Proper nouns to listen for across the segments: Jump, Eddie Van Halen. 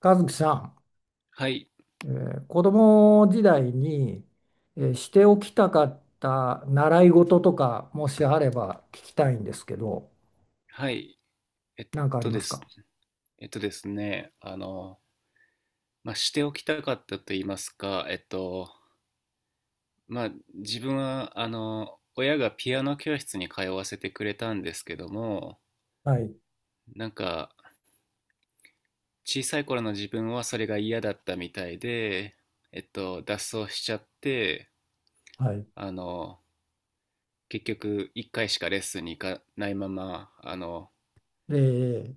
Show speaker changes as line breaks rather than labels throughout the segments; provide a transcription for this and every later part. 和樹さ
はい、
ん、子供時代に、しておきたかった習い事とかもしあれば聞きたいんですけど、
はい。えっ
何かあり
と
ま
で
す
す。
か？
えっとですね、あの、まあ、しておきたかったと言いますか、まあ、自分は、親がピアノ教室に通わせてくれたんですけども、
はい、
なんか、小さい頃の自分はそれが嫌だったみたいで、脱走しちゃって、
はい。
あの、結局、一回しかレッスンに行かないまま、あの、
え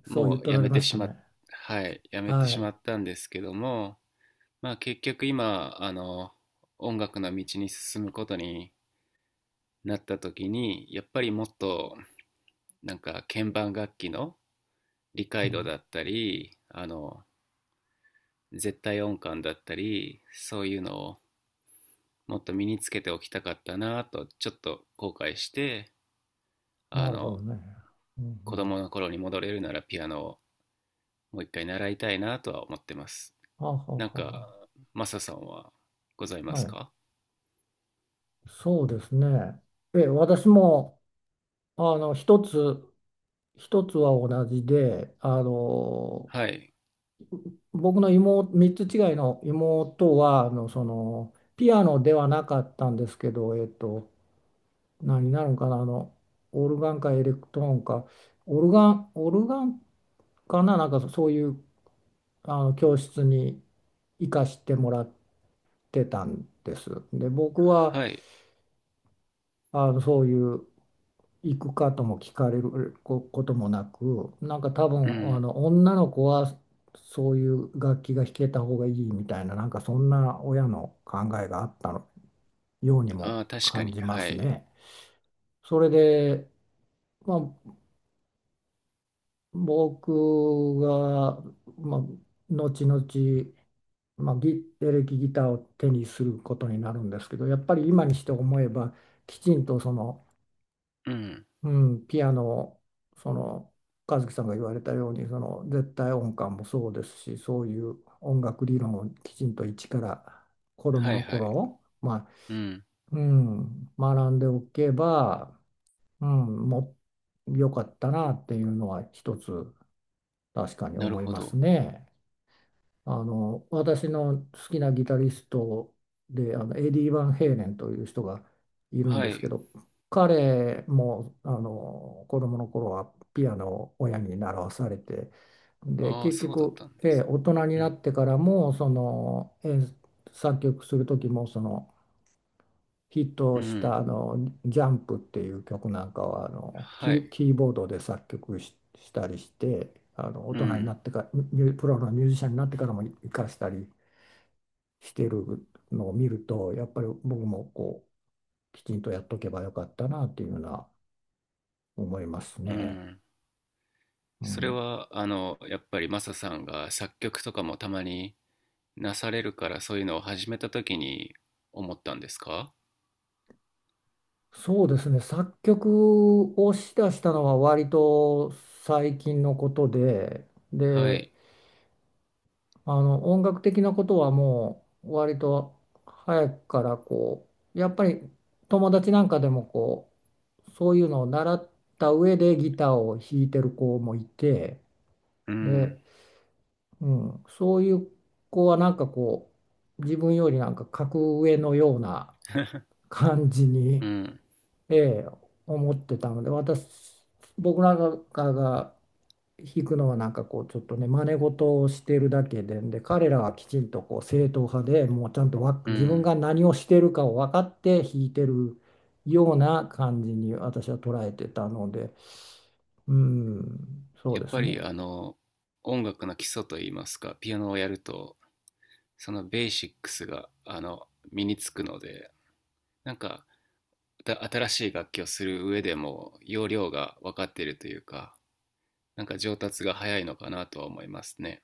え、そう言っ
もう
と
や
られ
め
ま
て
し
し
た
まっ、
ね。
はい、やめて
は
しま
い。
ったんですけども、まあ結局今音楽の道に進むことになった時に、やっぱりもっと鍵盤楽器の理
う
解度
ん、
だったり、絶対音感だったり、そういうのをもっと身につけておきたかったなとちょっと後悔して、
な
あ
るほど
の
ね。うんう
子
ん、
供の頃に戻れるならピアノをもう一回習いたいなとは思ってます。
はあは
なん
あ
か
は
マサさんはござい
あ
ま
はあ、
す
はい。
か？
そうですね。え、私も、一つ、一つは同じで、
はい、
僕の妹、3つ違いの妹は、ピアノではなかったんですけど、何になるんかな、オルガンかエレクトーンか、オルガンかな、なんかそういう、あの、教室に行かしてもらってたんです。で、僕は、
はい、
あの、そういう行くかとも聞かれるここともなく、なんか多分
う
あ
ん。
の女の子はそういう楽器が弾けた方がいいみたいな、なんかそんな親の考えがあったのように
あ
も
あ、確か
感
に。
じま
は
す
い。
ね。それで、まあ、僕が、まあ、後々、まあ、ギエレキギターを手にすることになるんですけど、やっぱり今にして思えばきちんとその
うん。
うん、ピアノ、その和樹さんが言われたようにその絶対音感もそうですし、そういう音楽理論をきちんと一から子ども
はい、
の
はい。
頃、まあ、
うん。
うん、学んでおけば、うん、もう良かったなっていうのは一つ確かに
なる
思い
ほ
ます
ど。
ね。あの、私の好きなギタリストで、あのエディ・バンヘイレンという人がいるん
は
ですけ
い。
ど、彼もあの子供の頃はピアノを親に習わされて、で
ああ、
結
そうだっ
局、
たん
え
で
え
す。
大人に
う
な
ん。
ってからもその演作曲する時もそのヒット
う
した
ん。
あの「ジャンプ」っていう曲なんかはあの
は
キー、
い。
キーボードで作曲し、したりして、あの大
う
人にな
ん。
ってからミュプロのミュージシャンになってからも活かしたりしてるのを見るとやっぱり僕もこうきちんとやっとけばよかったなっていうのは思います
う
ね。
ん。
う
それ
ん、
は、やっぱりマサさんが作曲とかもたまになされるから、そういうのを始めた時に思ったんですか？
そうですね、作曲をしだしたのは割と最近のことで、
は
で、
い。
あの音楽的なことはもう割と早くからこうやっぱり友達なんかでもこうそういうのを習った上でギターを弾いてる子もいて、
う
で、
ん。
うん、そういう子はなんかこう自分よりなんか格上のような感じ
う
に、
ん。
ええ、思ってたので、僕なんかが弾くのはなんかこう、ちょっとね、真似事をしてるだけで、で、彼らはきちんとこう正統派でもうちゃんとわ
う
自分
ん。
が何をしてるかを分かって弾いてるような感じに私は捉えてたので、うん、そう
やっ
です
ぱり、
ね。
音楽の基礎といいますか、ピアノをやると、そのベーシックスが、身につくので、なんかた新しい楽器をする上でも要領が分かっているというか、なんか上達が早いのかなとは思いますね。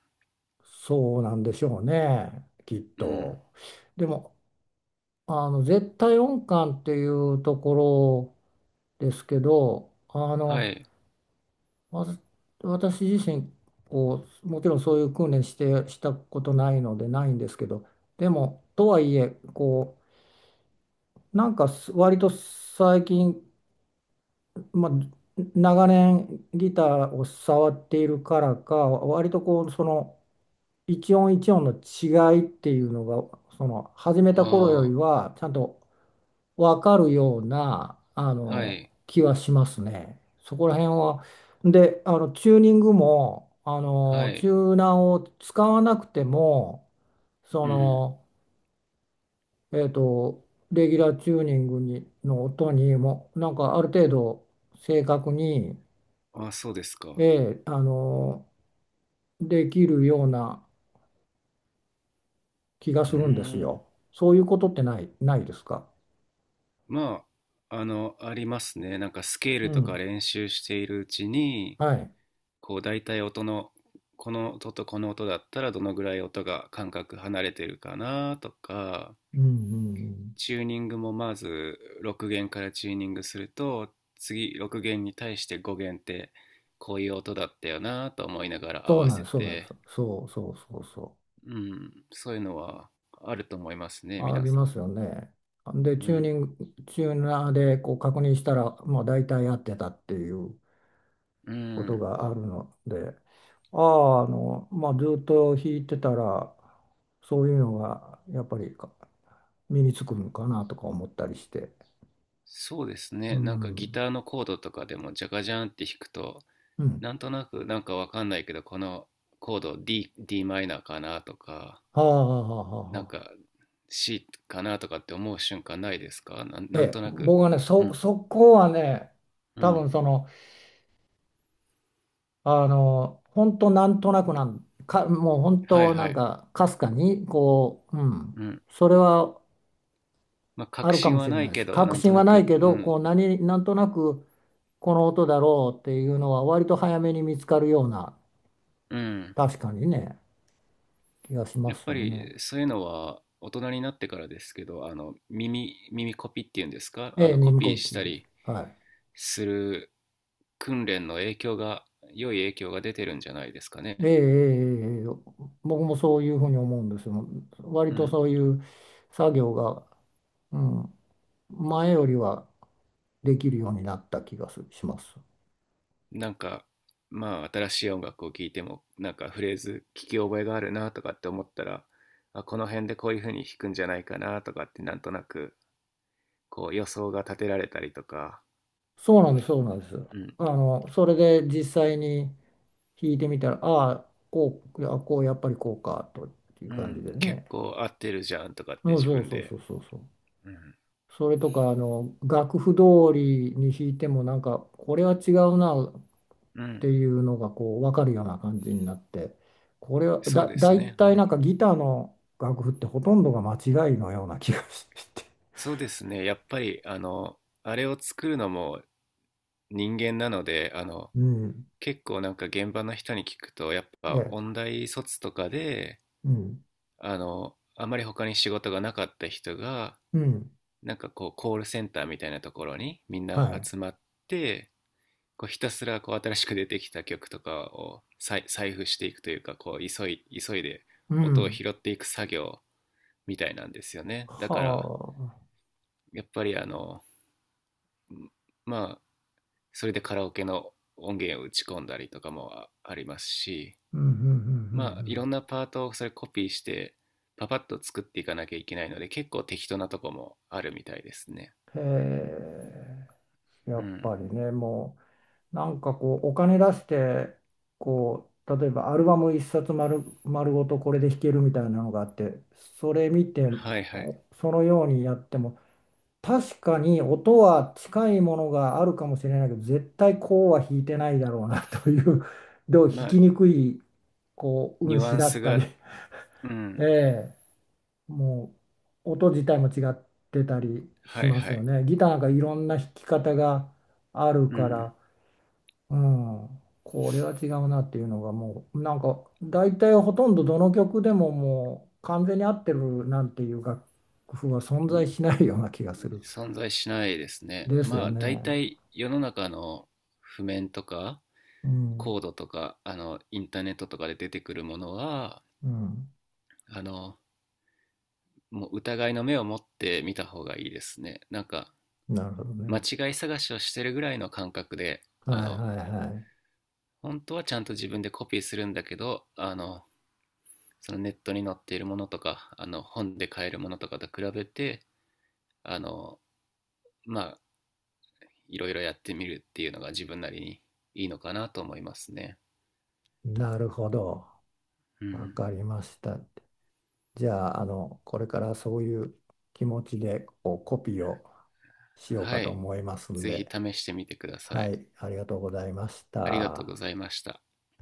そうなんでしょうね、きっ
うん。
と。でも、あの、絶対音感っていうところですけど、あ
は
の、
い。
わず私自身こうもちろんそういう訓練してしたことないのでないんですけど、でもとはいえこうなんかす割と最近、まあ、長年ギターを触っているからか割とこうその一音一音の違いっていうのがその始め
あ
た頃より
あ、
はちゃんとわかるようなあ
は
の
い。
気はしますね。そこら辺は。で、あのチューニングもあ
は
のチ
い。
ューナーを使わなくても、そ
うん。
の、えっと、レギュラーチューニングにの音にもなんかある程度正確に、
あ、そうです
え
か。
えあのできるような気が
うー
するんです
ん。
よ。そういうことってないですか？
まあ、ありますね。なんかスケー
う
ルとか
ん。
練習しているうちに、
はい。
こう大体音の、この音とこの音だったらどのぐらい音が間隔離れてるかなとか、
うんうんうん。
チューニングもまず6弦からチューニングすると、次6弦に対して5弦ってこういう音だったよなと思いながら合
そう
わ
なん
せ
です、そうなんです。
て、
そうそうそうそう。
うん、そういうのはあると思いますね、
あ
皆
り
さ
ま
ん。
すよね。で、
うん、
チューナーでこう確認したら、まあ、大体合ってたっていう
う
こと
ん。
があるので、ああ、あの、まあ、ずっと弾いてたら、そういうのがやっぱり身につくのかなとか思ったりして。
そうです
う
ね、なんかギ
ん。
ターのコードとかでもジャカジャンって弾くと、
うん。
なんとなくなんかわかんないけどこのコード D, D マイナーかなとか、
はあはあはあはあ
なん
は
か
あ。
C かなとかって思う瞬間ないですか、なん
え
なん
え、
となく。
僕はね、
う
そ、
ん、
そこはね、
う
多
ん、
分その、あの、本当なんとなくなん、か、もう本
はい、
当
は
なん
い。
か、かすかに、こう、うん、
うん。
それは
まあ、
あ
確
るか
信
もし
は
れ
な
ない
い
で
け
す。
ど、
確
なんと
信は
な
ない
く、う
けど、こう、
ん。
なんとなく、この音だろうっていうのは、割と早めに見つかるような、
うん。
確かにね、気がしま
やっ
す
ぱ
よね。
り、そういうのは、大人になってからですけど、耳コピっていうんですか、
ええ、
コ
耳
ピ
コ
ーし
ピー
た
です。
り
はい。
する訓練の影響が、良い影響が出てるんじゃないですか
ええ、
ね。
ええ、ええ僕もそういうふうに思うんですよ。割
う
と
ん。
そういう作業が、うん、前よりはできるようになった気がすします。
なんか、まあ、新しい音楽を聴いても、なんかフレーズ聞き覚えがあるなとかって思ったら、あ、この辺でこういう風に弾くんじゃないかなとかって、なんとなく、こう予想が立てられたりとか、
そうなんです、そうなんです。あの、それで実際に弾いてみたら、ああ、こう、やっぱりこうか、という
う
感じ
ん、
で
結
ね。
構合ってるじゃんとかって
うん、
自
そう
分
そう
で、
そうそうそう。
うん、
それとか、あの、楽譜通りに弾いても、なんか、これは違うなっ
う
て
ん、
いうのが、こう、わかるような感じになって、これは、
そう
だ、
で
だ
す
い
ね、う
たいなん
ん。
かギターの楽譜ってほとんどが間違いのような気がして。
そうですね、やっぱりあれを作るのも人間なので、
うん。
結構なんか現場の人に聞くと、やっ
え
ぱ
え。
音大卒とかで、
うん。
あまり他に仕事がなかった人が、
うん。
なんかこうコールセンターみたいなところにみん
は
な
い。
集まって、こうひたすらこう新しく出てきた曲とかを再採布していくというか、こう急いで
う
音を
ん。
拾っていく作業みたいなんですよね。だ
は
から、
あ。
やっぱりまあ、それでカラオケの音源を打ち込んだりとかもあありますし、
うん、うん、
まあいろんなパートをそれコピーしてパパッと作っていかなきゃいけないので、結構適当なとこもあるみたいですね。
うん、うん。うんへえ、や
う
っぱ
ん、
りね、もう、なんかこう、お金出して、こう、例えばアルバム一冊丸、丸ごとこれで弾けるみたいなのがあって、それ見て、
はい、はい。
おそのようにやっても、確かに音は近いものがあるかもしれないけど、絶対こうは弾いてないだろうなという、どう
ま
弾
あ、
きにくい、こう、運
ニュア
指
ン
だっ
ス
たり、
が、 う
え
ん、
えもう音自体も違ってたり
は
し
い、
ます
は
よ
い、
ね。ギターがいろんな弾き方がある
う
か
ん、
ら、うん、これは違うなっていうのがもうなんか大体ほとんどどの曲でももう完全に合ってるなんていう楽譜は存在しないような気がする。
存在しないですね。
です
ま
よ
あ、
ね。
大体世の中の譜面とか
うん、
コードとか、インターネットとかで出てくるものは、
うん、
あの、もう疑いの目を持って見た方がいいですね。なんか、
なるほど
間
ね。
違い探しをしてるぐらいの感覚で、あ
はい
の、
はいは
本当はちゃんと自分でコピーするんだけど、そのネットに載っているものとか、本で買えるものとかと比べて、あの、まあ、いろいろやってみるっていうのが自分なりにいいのかなと思いますね。
い。なるほど。
う
わ
ん。
かりました。じゃあ、あの、これからそういう気持ちでこうコピーをしようか
は
と
い。
思いますん
ぜひ
で、
試してみてくださ
は
い。
い、ありがとうございまし
ありがとう
た。
ございました。